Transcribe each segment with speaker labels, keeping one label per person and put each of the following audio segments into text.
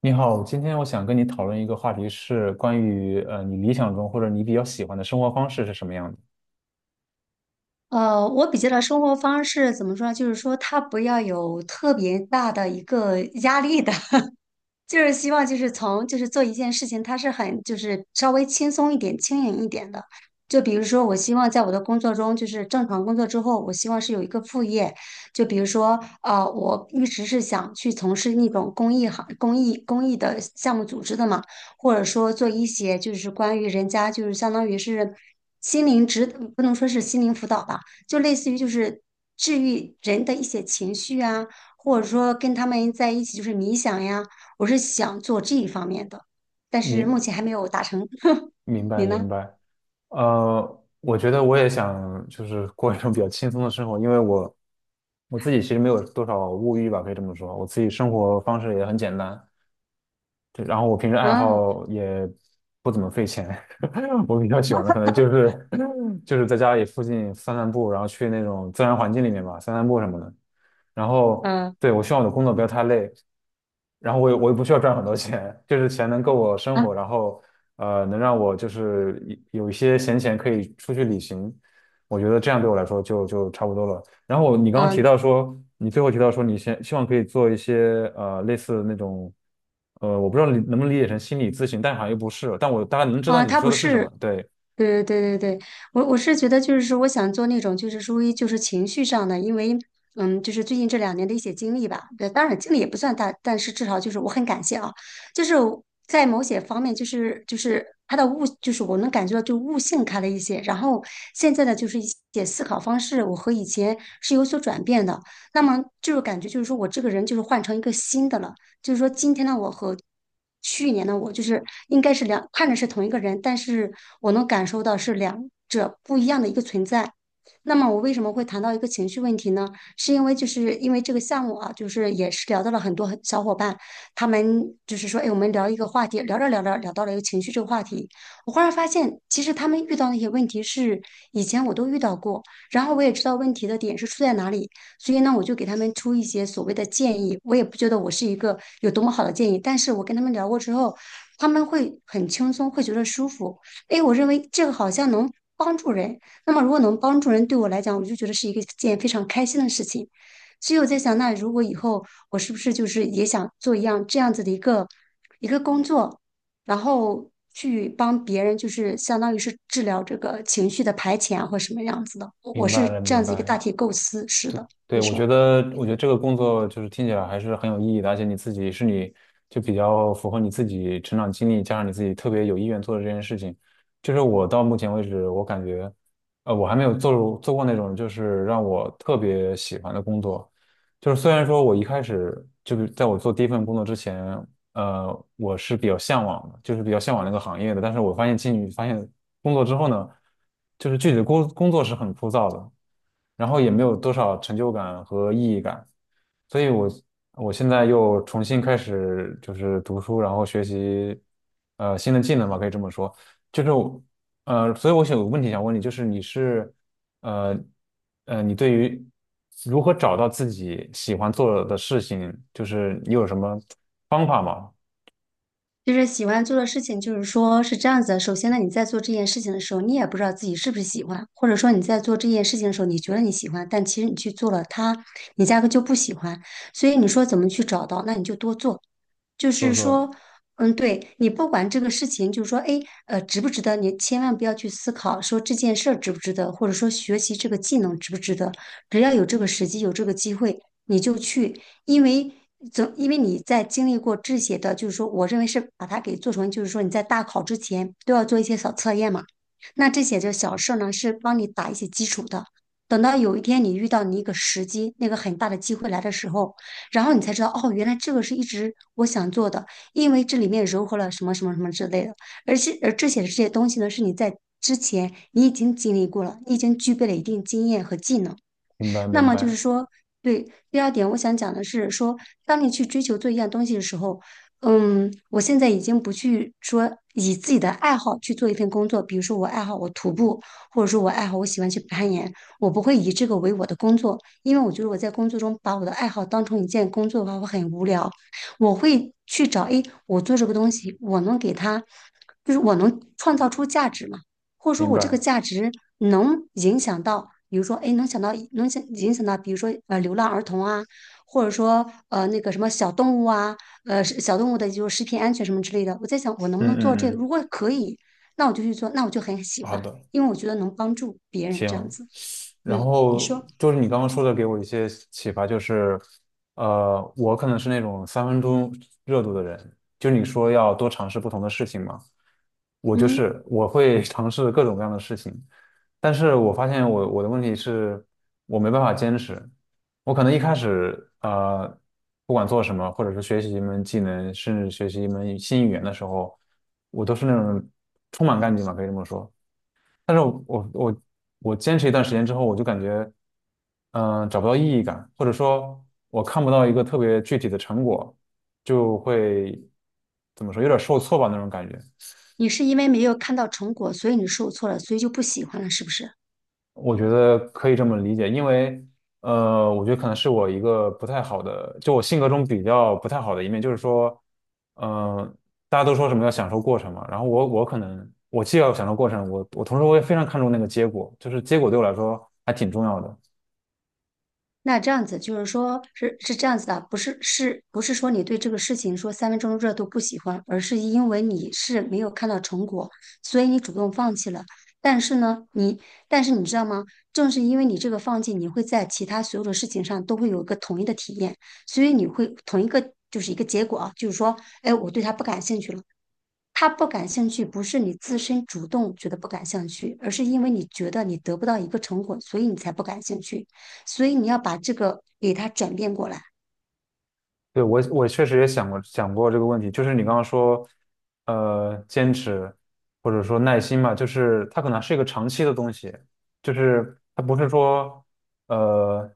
Speaker 1: 你好，今天我想跟你讨论一个话题，是关于你理想中或者你比较喜欢的生活方式是什么样的。
Speaker 2: 我比较的生活方式怎么说呢？就是说，他不要有特别大的一个压力的，就是希望就是从就是做一件事情，它是很就是稍微轻松一点、轻盈一点的。就比如说，我希望在我的工作中，就是正常工作之后，我希望是有一个副业。就比如说，我一直是想去从事那种公益行、公益、公益的项目组织的嘛，或者说做一些就是关于人家就是相当于是心灵指，不能说是心灵辅导吧，就类似于就是治愈人的一些情绪啊，或者说跟他们在一起就是冥想呀。我是想做这一方面的，但是目
Speaker 1: 明
Speaker 2: 前还没有达成。
Speaker 1: 明白
Speaker 2: 你
Speaker 1: 明
Speaker 2: 呢？
Speaker 1: 白。我觉得我也想就是过一种比较轻松的生活，因为我自己其实没有多少物欲吧，可以这么说，我自己生活方式也很简单。对，然后我平时爱
Speaker 2: 嗯
Speaker 1: 好也不怎么费钱。我比较喜欢的可能就是 就是在家里附近散散步，然后去那种自然环境里面吧，散散步什么的。然后
Speaker 2: 嗯
Speaker 1: 对，我希望我的工作不要太累。然后我也不需要赚很多钱，就是钱能够我生
Speaker 2: 嗯
Speaker 1: 活。然后能让我就是有一些闲钱可以出去旅行，我觉得这样对我来说就差不多了。然后你刚刚提
Speaker 2: 嗯，
Speaker 1: 到说，你最后提到说，你先希望可以做一些类似那种，我不知道你能不能理解成心理咨询，但好像又不是，但我大概能知道
Speaker 2: 啊，
Speaker 1: 你
Speaker 2: 他
Speaker 1: 说
Speaker 2: 不
Speaker 1: 的是什么。
Speaker 2: 是，
Speaker 1: 对。
Speaker 2: 对对对对对，我是觉得就是说，我想做那种就是属于就是情绪上的，因为嗯，就是最近这两年的一些经历吧，对，当然经历也不算大，但是至少就是我很感谢啊，就是在某些方面就是就是他的悟，就是我能感觉到就悟性开了一些，然后现在的就是一些思考方式，我和以前是有所转变的，那么就是感觉就是说我这个人就是换成一个新的了。就是说今天的我和去年的我，就是应该是两，看着是同一个人，但是我能感受到是两者不一样的一个存在。那么我为什么会谈到一个情绪问题呢？是因为就是因为这个项目啊，就是也是聊到了很多很小伙伴，他们就是说，哎，我们聊一个话题，聊着聊着聊到了一个情绪这个话题，我忽然发现，其实他们遇到那些问题是以前我都遇到过，然后我也知道问题的点是出在哪里，所以呢，我就给他们出一些所谓的建议。我也不觉得我是一个有多么好的建议，但是我跟他们聊过之后，他们会很轻松，会觉得舒服。诶，我认为这个好像能帮助人。那么如果能帮助人，对我来讲，我就觉得是一个件非常开心的事情。所以我在想，那如果以后我是不是就是也想做一样这样子的一个工作，然后去帮别人，就是相当于是治疗这个情绪的排遣啊或什么样子的。我
Speaker 1: 明白
Speaker 2: 是
Speaker 1: 了，
Speaker 2: 这样
Speaker 1: 明
Speaker 2: 子一个
Speaker 1: 白。
Speaker 2: 大体构思，是的。
Speaker 1: 对，
Speaker 2: 你
Speaker 1: 我觉
Speaker 2: 说，
Speaker 1: 得，我觉得这个工作就是听起来还是很有意义的，而且你自己是你就比较符合你自己成长经历，加上你自己特别有意愿做的这件事情。就是我到目前为止，我感觉，我还没有做过那种就是让我特别喜欢的工作。就是虽然说我一开始就是在我做第一份工作之前，我是比较向往的，就是比较向往那个行业的，但是我发现进去发现工作之后呢，就是具体的工作是很枯燥的。然后也没有多少成就感和意义感，所以我我现在又重新开始就是读书，然后学习新的技能吧，可以这么说。就是我所以我想有个问题想问你，就是你是呃你对于如何找到自己喜欢做的事情，就是你有什么方法吗？
Speaker 2: 就是喜欢做的事情，就是说是这样子的。首先呢，你在做这件事情的时候，你也不知道自己是不是喜欢，或者说你在做这件事情的时候，你觉得你喜欢，但其实你去做了它，你压根就不喜欢。所以你说怎么去找到？那你就多做，就
Speaker 1: 做
Speaker 2: 是
Speaker 1: 做。
Speaker 2: 说，嗯，对你不管这个事情，就是说，哎，值不值得？你千万不要去思考说这件事儿值不值得，或者说学习这个技能值不值得。只要有这个时机，有这个机会，你就去。因为总因为你在经历过这些的，就是说，我认为是把它给做成，就是说你在大考之前都要做一些小测验嘛。那这些就小事儿呢，是帮你打一些基础的。等到有一天你遇到你一个时机，那个很大的机会来的时候，然后你才知道，哦，原来这个是一直我想做的，因为这里面融合了什么什么什么之类的。而且，而这些东西呢，是你在之前你已经经历过了，你已经具备了一定经验和技能。
Speaker 1: 明白
Speaker 2: 那
Speaker 1: 明
Speaker 2: 么就是
Speaker 1: 白
Speaker 2: 说，对，第二点我想讲的是说，当你去追求做一样东西的时候，嗯，我现在已经不去说以自己的爱好去做一份工作，比如说我爱好我徒步，或者说我爱好我喜欢去攀岩，我不会以这个为我的工作，因为我觉得我在工作中把我的爱好当成一件工作的话，我很无聊。我会去找，诶，我做这个东西，我能给它，就是我能创造出价值嘛。或者说
Speaker 1: 明
Speaker 2: 我这个
Speaker 1: 白。
Speaker 2: 价值能影响到，比如说，哎，能想到能想影响到，比如说流浪儿童啊，或者说那个什么小动物啊，是小动物的就是食品安全什么之类的。我在想，我能不
Speaker 1: 嗯
Speaker 2: 能做
Speaker 1: 嗯
Speaker 2: 这个？
Speaker 1: 嗯。
Speaker 2: 如果可以，那我就去做，那我就很喜
Speaker 1: 好
Speaker 2: 欢，
Speaker 1: 的。
Speaker 2: 因为我觉得能帮助别人这样
Speaker 1: 行。
Speaker 2: 子。
Speaker 1: 然
Speaker 2: 嗯，你
Speaker 1: 后
Speaker 2: 说，
Speaker 1: 就是你刚刚说的，给我一些启发，就是，我可能是那种三分钟热度的人，就你说要多尝试不同的事情嘛，我就
Speaker 2: 嗯，
Speaker 1: 是我会 尝试各种各样的事情，但是我发现我的问题是，我没办法坚持。我可能一开始不管做什么，或者是学习一门技能，甚至学习一门新语言的时候，我都是那种充满干劲吧，可以这么说。但是我坚持一段时间之后，我就感觉，找不到意义感，或者说，我看不到一个特别具体的成果，就会怎么说，有点受挫吧那种感觉。
Speaker 2: 你是因为没有看到成果，所以你受挫了，所以就不喜欢了，是不是？
Speaker 1: 我觉得可以这么理解，因为我觉得可能是我一个不太好的，就我性格中比较不太好的一面，就是说，嗯、大家都说什么要享受过程嘛，然后我可能我既要享受过程，我同时我也非常看重那个结果，就是结果对我来说还挺重要的。
Speaker 2: 那这样子就是说，是是这样子的，不是是不是说你对这个事情说三分钟热度不喜欢，而是因为你是没有看到成果，所以你主动放弃了。但是呢，你但是你知道吗？正是因为你这个放弃，你会在其他所有的事情上都会有一个统一的体验，所以你会同一个就是一个结果啊，就是说，哎，我对他不感兴趣了。他不感兴趣，不是你自身主动觉得不感兴趣，而是因为你觉得你得不到一个成果，所以你才不感兴趣。所以你要把这个给他转变过来。
Speaker 1: 对，我确实也想过这个问题，就是你刚刚说，坚持或者说耐心嘛，就是它可能是一个长期的东西，就是它不是说呃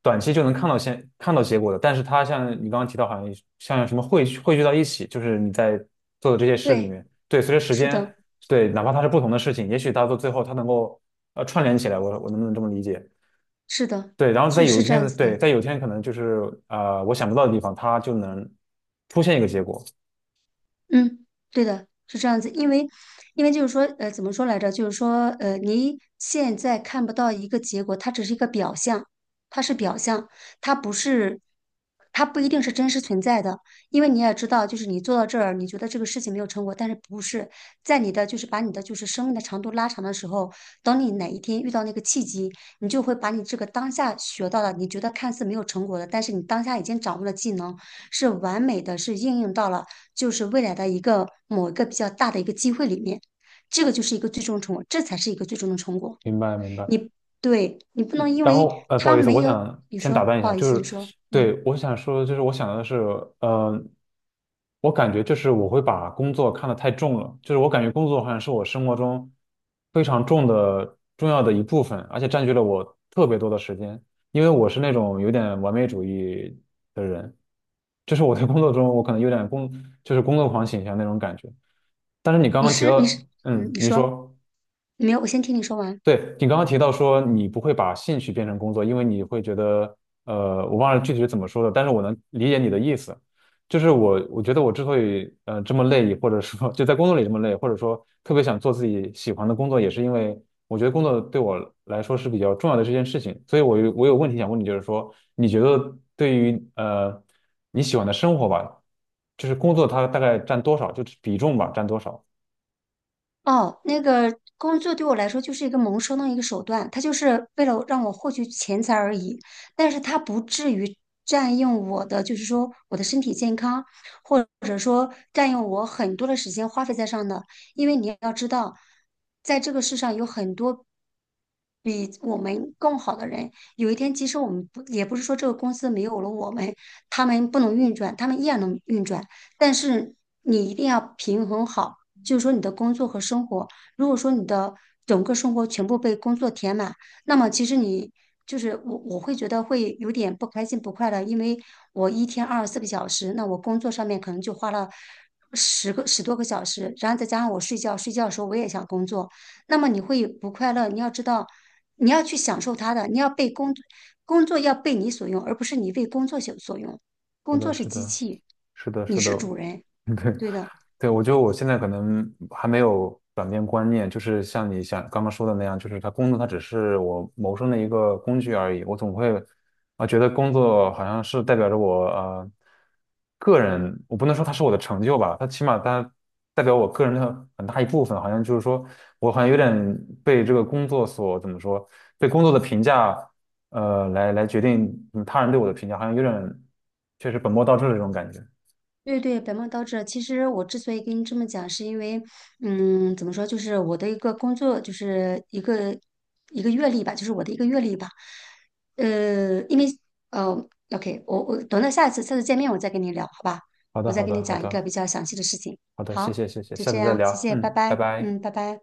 Speaker 1: 短期就能看到看到结果的，但是它像你刚刚提到，好像像什么汇聚到一起，就是你在做的这些事里
Speaker 2: 对，
Speaker 1: 面。对，随着时
Speaker 2: 是
Speaker 1: 间。
Speaker 2: 的，
Speaker 1: 对，哪怕它是不同的事情，也许它到最后它能够串联起来，我我能不能这么理解？
Speaker 2: 是的，
Speaker 1: 对，然后在
Speaker 2: 是
Speaker 1: 有一
Speaker 2: 是这样
Speaker 1: 天。
Speaker 2: 子
Speaker 1: 对，
Speaker 2: 的。
Speaker 1: 在有一天可能就是我想不到的地方，它就能出现一个结果。
Speaker 2: 嗯，对的，是这样子，因为，因为就是说，怎么说来着？就是说，你现在看不到一个结果，它只是一个表象，它是表象，它不是，它不一定是真实存在的。因为你也知道，就是你做到这儿，你觉得这个事情没有成果，但是不是在你的就是把你的就是生命的长度拉长的时候，等你哪一天遇到那个契机，你就会把你这个当下学到的，你觉得看似没有成果的，但是你当下已经掌握了技能是完美的，是应用到了。就是未来的一个某一个比较大的一个机会里面，这个就是一个最终成果，这才是一个最终的成果。
Speaker 1: 明白，明白。
Speaker 2: 你对你不能因
Speaker 1: 然
Speaker 2: 为
Speaker 1: 后不
Speaker 2: 他
Speaker 1: 好意思，
Speaker 2: 没
Speaker 1: 我
Speaker 2: 有，
Speaker 1: 想
Speaker 2: 你
Speaker 1: 先打
Speaker 2: 说
Speaker 1: 断一
Speaker 2: 不
Speaker 1: 下，
Speaker 2: 好意
Speaker 1: 就
Speaker 2: 思，你
Speaker 1: 是
Speaker 2: 说嗯，
Speaker 1: 对我想说，就是我想的是，嗯，我感觉就是我会把工作看得太重了，就是我感觉工作好像是我生活中非常重的重要的一部分，而且占据了我特别多的时间，因为我是那种有点完美主义的人，就是我在工作中我可能有点工就是工作狂倾向那种感觉。但是你刚
Speaker 2: 你
Speaker 1: 刚提
Speaker 2: 是你是
Speaker 1: 到，
Speaker 2: 嗯，你
Speaker 1: 你
Speaker 2: 说
Speaker 1: 说。
Speaker 2: 没有，我先听你说完。
Speaker 1: 对，你刚刚提到说你不会把兴趣变成工作，因为你会觉得，我忘了具体是怎么说的，但是我能理解你的意思。就是我，我觉得我之所以这么累，或者说 就在工作里这么累，或者说特别想做自己喜欢的工作，也是因为我觉得工作对我来说是比较重要的这件事情。所以我有问题想问你，就是说，你觉得对于你喜欢的生活吧，就是工作它大概占多少，就是比重吧，占多少？
Speaker 2: 哦，那个工作对我来说就是一个谋生的一个手段，它就是为了让我获取钱财而已，但是它不至于占用我的，就是说我的身体健康，或者说占用我很多的时间花费在上的。因为你要知道，在这个世上有很多比我们更好的人，有一天即使我们不，也不是说这个公司没有了我们，他们不能运转，他们依然能运转，但是你一定要平衡好。就是说你的工作和生活，如果说你的整个生活全部被工作填满，那么其实你就是我，我会觉得会有点不开心、不快乐，因为我一天24个小时，那我工作上面可能就花了10多个小时，然后再加上我睡觉，睡觉的时候我也想工作，那么你会不快乐。你要知道，你要去享受它的，你要被工工作要被你所用，而不是你为工作所用。
Speaker 1: 是
Speaker 2: 工
Speaker 1: 的，
Speaker 2: 作是
Speaker 1: 是
Speaker 2: 机
Speaker 1: 的，
Speaker 2: 器，
Speaker 1: 是的，
Speaker 2: 你
Speaker 1: 是
Speaker 2: 是
Speaker 1: 的。
Speaker 2: 主人，
Speaker 1: 对，
Speaker 2: 对的。
Speaker 1: 对，我觉得我现在可能还没有转变观念，就是像你想刚刚说的那样，就是他工作它只是我谋生的一个工具而已。我总会觉得工作好像是代表着我个人，我不能说它是我的成就吧，它起码它代表我个人的很大一部分。好像就是说我好像有点被这个工作所怎么说，被工作的评价来决定他人对我的评价，好像有点确实本末倒置的这种感觉。
Speaker 2: 对对，本末倒置。其实我之所以跟你这么讲，是因为，嗯，怎么说，就是我的一个工作，就是一个一个阅历吧，就是我的一个阅历吧。呃，因为呃，OK，我等到下一次见面我再跟你聊，好吧？
Speaker 1: 好的，
Speaker 2: 我再
Speaker 1: 好
Speaker 2: 跟你
Speaker 1: 的，好
Speaker 2: 讲一个
Speaker 1: 的。
Speaker 2: 比较详细的事情。
Speaker 1: 好的，谢
Speaker 2: 好，
Speaker 1: 谢谢谢，
Speaker 2: 就
Speaker 1: 下
Speaker 2: 这
Speaker 1: 次再
Speaker 2: 样，谢
Speaker 1: 聊，
Speaker 2: 谢，拜
Speaker 1: 嗯，拜
Speaker 2: 拜。
Speaker 1: 拜。
Speaker 2: 嗯，拜拜。